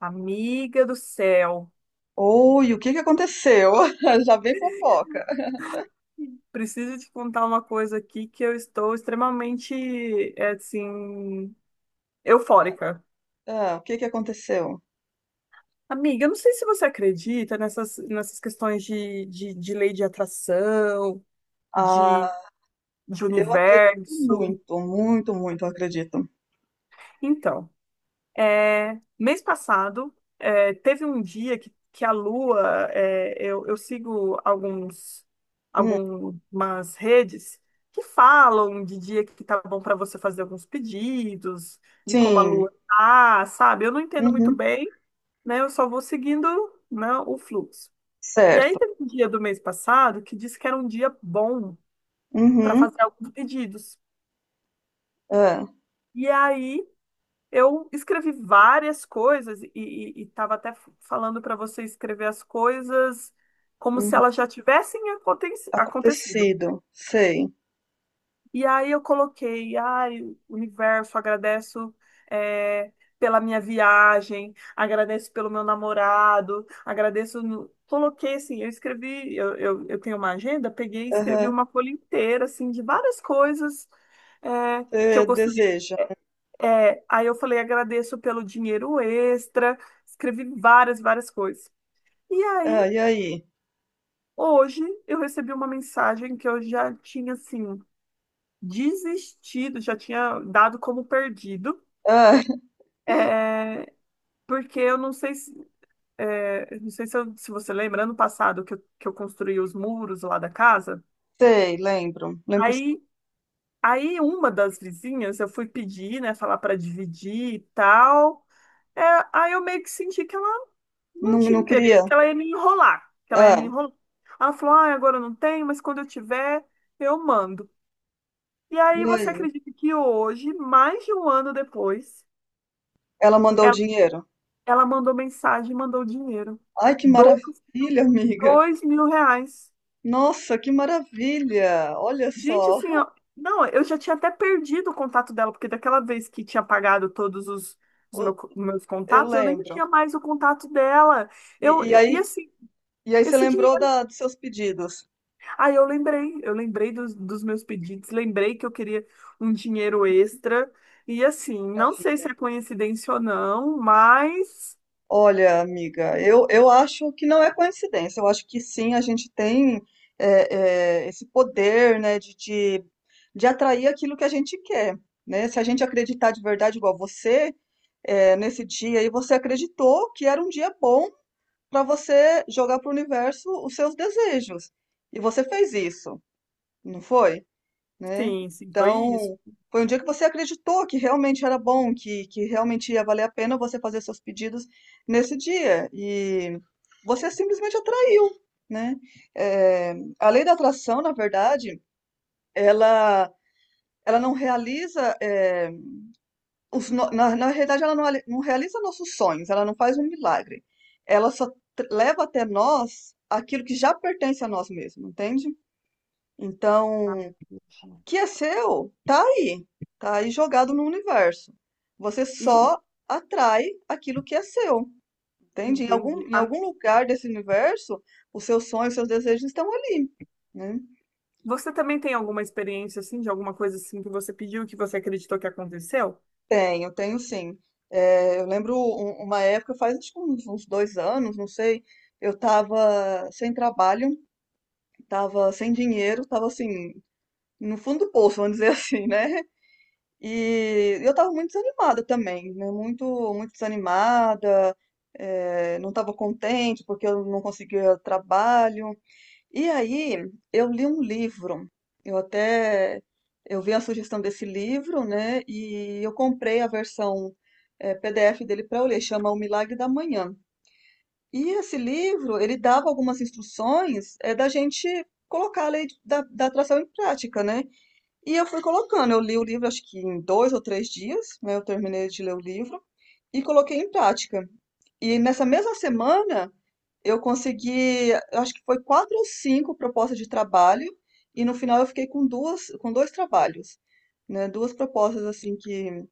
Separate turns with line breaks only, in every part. Amiga do céu,
Oi, o que que aconteceu? Já vem fofoca.
preciso te contar uma coisa aqui que eu estou extremamente, assim, eufórica.
É, o que que aconteceu?
Amiga, eu não sei se você acredita nessas questões de lei de atração, de,
Ah,
de
eu acredito
universo.
muito, muito, muito, eu acredito.
Então, mês passado, teve um dia que a Lua, eu sigo
Hum,
algumas redes que falam de dia que tá bom para você fazer alguns pedidos, de como a Lua
sim,
tá, sabe? Eu não entendo muito
uhum,
bem, né? Eu só vou seguindo, né, o fluxo. E aí
certo.
teve um dia do mês passado que disse que era um dia bom para
Uhum,
fazer alguns pedidos.
é,
E aí, eu escrevi várias coisas e estava até falando para você escrever as coisas como se
uhum,
elas já tivessem acontecido.
acontecido, sei.
E aí eu coloquei, ai, universo, agradeço é, pela minha viagem, agradeço pelo meu namorado, agradeço. Coloquei assim, eu escrevi, eu tenho uma agenda, peguei e escrevi
Aham,
uma folha inteira assim de várias coisas é, que eu
é,
gostaria.
deseja.
Aí eu falei, agradeço pelo dinheiro extra, escrevi várias coisas. E aí,
Ah, e aí?
hoje, eu recebi uma mensagem que eu já tinha, assim, desistido, já tinha dado como perdido,
Ah,
é, porque eu não sei se, não sei se, se você lembra, ano passado que eu construí os muros lá da casa,
sei, lembro, lembro sim.
aí, aí uma das vizinhas, eu fui pedir, né, falar para dividir e tal. É, Aí eu meio que senti que ela não
Não,
tinha
não
interesse,
queria.
que ela ia me enrolar, que ela ia me
Ah,
enrolar. Ela falou, ah, agora eu não tenho, mas quando eu tiver, eu mando. E
e
aí você
aí?
acredita que hoje, mais de um ano depois,
Ela mandou o
ela,
dinheiro.
ela mandou mensagem, e mandou dinheiro.
Ai, que
Dois,
maravilha, amiga.
R$ 2.000.
Nossa, que maravilha! Olha
Gente,
só.
assim, ó, não, eu já tinha até perdido o contato dela, porque daquela vez que tinha pagado todos
O-
meus
Eu
contatos, eu nem
lembro.
tinha mais o contato dela.
E, e
E
aí,
assim,
e aí você
esse
lembrou dos seus pedidos
aí eu lembrei dos meus pedidos, lembrei que eu queria um dinheiro extra. E assim,
para
não sei se
filha.
é coincidência ou não, mas
Olha, amiga, eu acho que não é coincidência. Eu acho que sim, a gente tem esse poder, né, de atrair aquilo que a gente quer, né? Se a gente acreditar de verdade, igual você, é, nesse dia aí, você acreditou que era um dia bom para você jogar para o universo os seus desejos. E você fez isso, não foi? Né?
sim, sim, foi isso.
Então, foi um dia que você acreditou que realmente era bom, que realmente ia valer a pena você fazer seus pedidos nesse dia. E você simplesmente atraiu, né? Eh, a lei da atração, na verdade, ela, ela não realiza, eh, os, no- na, na realidade, ela não realiza nossos sonhos, ela não faz um milagre. Ela só leva até nós aquilo que já pertence a nós mesmos, entende?
Ai,
Então,
entendi.
que é seu, tá aí jogado no universo. Você
E, e-
só atrai aquilo que é seu, entende?
Entendi.
Em
Ah,
algum lugar desse universo, os seus sonhos, os seus desejos estão ali, né?
você também tem alguma experiência assim, de alguma coisa assim que você pediu, que você acreditou que aconteceu?
Tenho, tenho sim. É, eu lembro uma época, faz acho que uns dois anos, não sei, eu tava sem trabalho, tava sem dinheiro, tava assim, no fundo do poço, vamos dizer assim, né? E eu tava muito desanimada também, né? Muito desanimada, não tava contente porque eu não conseguia trabalho. E aí eu li um livro, eu até eu vi a sugestão desse livro, né? E eu comprei a versão PDF dele para eu ler, chama O Milagre da Manhã. E esse livro, ele dava algumas instruções da gente colocar a lei da atração em prática, né? E eu fui colocando. Eu li o livro, acho que em 2 ou 3 dias, né? Eu terminei de ler o livro e coloquei em prática. E nessa mesma semana, eu consegui, acho que foi 4 ou 5 propostas de trabalho, e no final eu fiquei com duas, com dois trabalhos, né? Duas propostas, assim,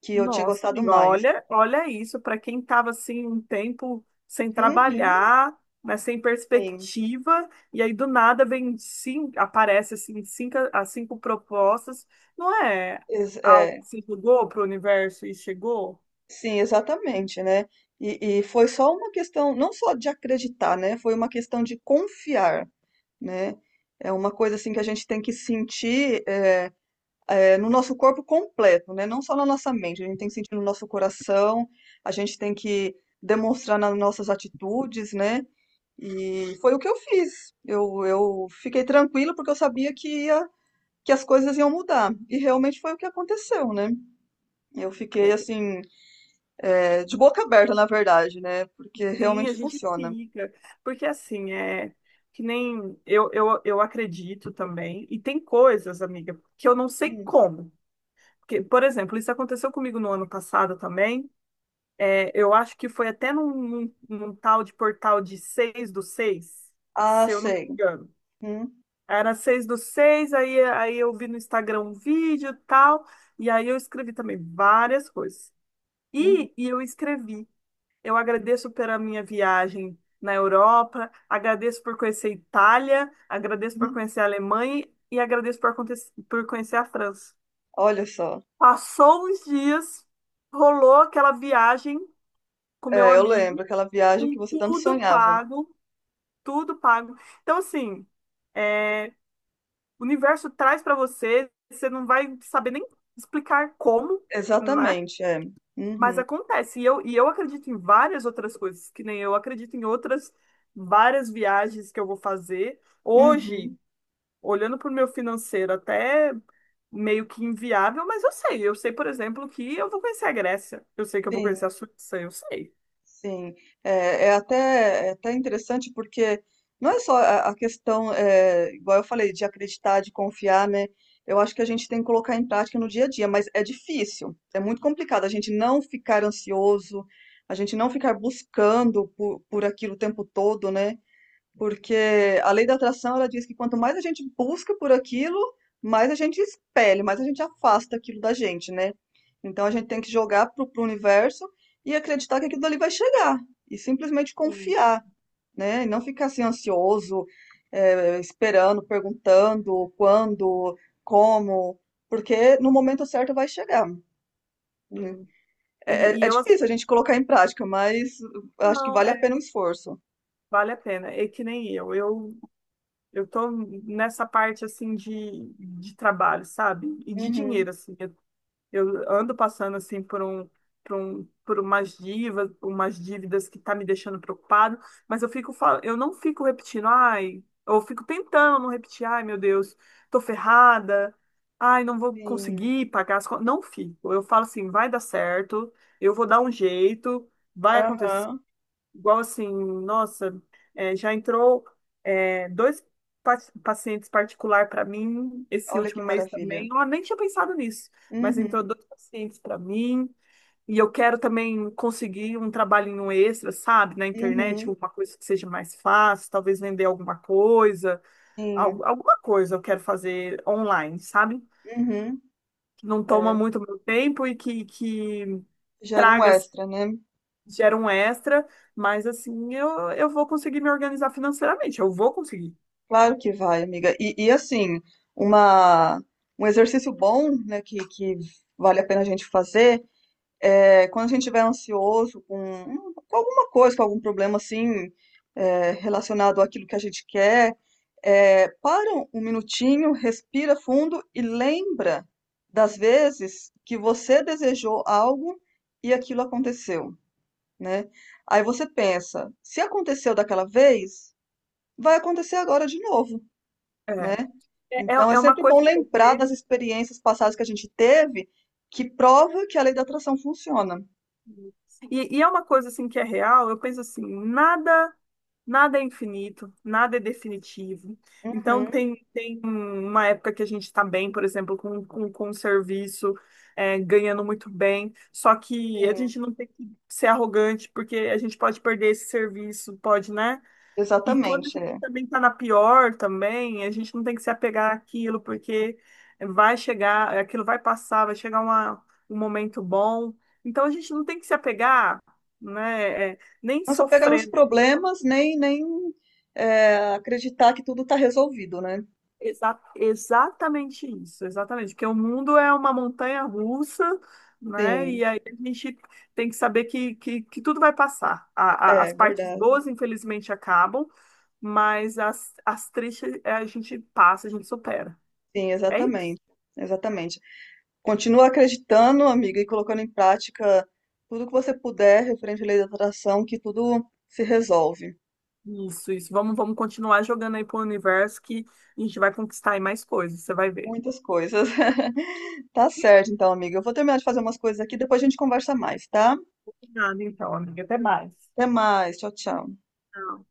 que eu tinha
Nossa,
gostado
amigo,
mais.
olha, olha isso, para quem estava assim um tempo sem
Uhum,
trabalhar, né, sem
sim,
perspectiva, e aí do nada vem cinco, aparece assim cinco, as cinco propostas, não é algo
É,
que se jogou para o universo e chegou?
sim, exatamente, né? E foi só uma questão, não só de acreditar, né? Foi uma questão de confiar. Né? É uma coisa assim que a gente tem que sentir no nosso corpo completo, né? Não só na nossa mente, a gente tem que sentir no nosso coração, a gente tem que demonstrar nas nossas atitudes, né? E foi o que eu fiz. Eu fiquei tranquila porque eu sabia que que as coisas iam mudar. E realmente foi o que aconteceu, né? Eu fiquei
É,
assim, de boca aberta, na verdade, né? Porque
Sim, a
realmente
gente
funciona.
fica, porque assim, é que nem eu, eu acredito também, e tem coisas, amiga, que eu não sei
Hum.
como. Porque, por exemplo, isso aconteceu comigo no ano passado também. Eu acho que foi até num, num tal de portal de 6 do 6,
Ah,
se eu não me
sei.
engano.
Uhum,
Era 6 do 6 aí, eu vi no Instagram um vídeo e tal, e aí eu escrevi também várias coisas.
uhum,
E eu escrevi. Eu agradeço pela minha viagem na Europa, agradeço por conhecer a Itália, agradeço por
uhum.
conhecer a Alemanha e agradeço por conhecer a França.
Olha só.
Passou uns dias, rolou aquela viagem com meu
É, eu
amigo,
lembro, aquela viagem
com
que você tanto
tudo
sonhava.
pago, tudo pago. Então, assim, é, o universo traz para você, você não vai saber nem explicar como, né?
Exatamente, é.
Mas
Uhum,
acontece. E eu acredito em várias outras coisas, que nem eu acredito em outras várias viagens que eu vou fazer. Hoje,
uhum,
olhando para o meu financeiro, até meio que inviável, mas eu sei. Eu sei, por exemplo, que eu vou conhecer a Grécia. Eu sei que eu vou conhecer a
sim,
Suíça, eu sei.
sim. É até interessante porque não é só a questão, é, igual eu falei, de acreditar, de confiar, né? Eu acho que a gente tem que colocar em prática no dia a dia, mas é difícil, é muito complicado a gente não ficar ansioso, a gente não ficar buscando por aquilo o tempo todo, né? Porque a lei da atração, ela diz que quanto mais a gente busca por aquilo, mais a gente expele, mais a gente afasta aquilo da gente, né? Então a gente tem que jogar pro universo e acreditar que aquilo dali vai chegar. E simplesmente
Sim,
confiar, né? E não ficar assim ansioso, esperando, perguntando quando, como, porque no momento certo vai chegar. Né?
sim. E
É
eu, assim,
difícil a gente colocar em prática, mas acho que
não,
vale a pena o esforço.
vale a pena. É que nem eu. Eu tô nessa parte assim de trabalho, sabe? E de
Uhum,
dinheiro assim. Eu ando passando assim por umas dívidas, que tá me deixando preocupado, mas eu não fico repetindo, ai, eu fico tentando não repetir, ai, meu Deus, tô ferrada. Ai, não vou
sim.
conseguir pagar as contas. Não fico. Eu falo assim, vai dar certo, eu vou dar um jeito, vai acontecer.
Aham.
Igual assim, nossa, já entrou, dois pa- pacientes particular para mim esse
Olha que
último mês
maravilha.
também. Eu nem tinha pensado nisso, mas entrou
Uhum,
dois pacientes para mim. E eu quero também conseguir um trabalhinho extra, sabe, na internet,
uhum,
alguma coisa que seja mais fácil, talvez vender alguma coisa,
sim,
alguma coisa eu quero fazer online, sabe?
uhum.
Que não toma
É,
muito meu tempo e que
gera um
traga
extra, né?
gera um extra, mas assim, eu vou conseguir me organizar financeiramente, eu vou conseguir.
Claro que vai, amiga. E assim, uma, um exercício bom, né, que vale a pena a gente fazer, é quando a gente estiver ansioso com alguma coisa, com algum problema assim, é, relacionado àquilo que a gente quer, é, para um minutinho, respira fundo e lembra das vezes que você desejou algo e aquilo aconteceu. Né? Aí você pensa, se aconteceu daquela vez, vai acontecer agora de novo,
É,
né? Então é
é uma
sempre bom
coisa que eu
lembrar
penso,
das experiências passadas que a gente teve, que prova que a lei da atração funciona.
e é uma coisa assim que é real, eu penso assim, nada, nada é infinito, nada é definitivo. Então
Uhum,
tem uma época que a gente está bem, por exemplo, com um serviço, ganhando muito bem, só que a
sim,
gente não tem que ser arrogante, porque a gente pode perder esse serviço, pode, né? E quando a
exatamente.
gente
É.
também tá na pior também, a gente não tem que se apegar àquilo, porque vai chegar, aquilo vai passar, vai chegar um momento bom. Então a gente não tem que se apegar, né, nem
Não é só pegar nos
sofrer.
problemas, nem é, acreditar que tudo está resolvido, né?
Exatamente isso, exatamente. Porque o mundo é uma montanha russa, né?
Sim,
E aí a gente tem que saber que tudo vai passar. As
é
partes
verdade.
boas, infelizmente, acabam, mas as tristes, a gente passa, a gente supera.
Sim,
É isso.
exatamente. Exatamente. Continua acreditando, amiga, e colocando em prática tudo que você puder referente à lei da atração, que tudo se resolve.
Isso, isso. Vamos continuar jogando aí pro universo que a gente vai conquistar aí mais coisas, você vai ver.
Muitas coisas. Tá certo, então, amiga. Eu vou terminar de fazer umas coisas aqui, depois a gente conversa mais, tá?
Nada, então, amiga. Até mais.
Até mais. Tchau, tchau.
Tchau.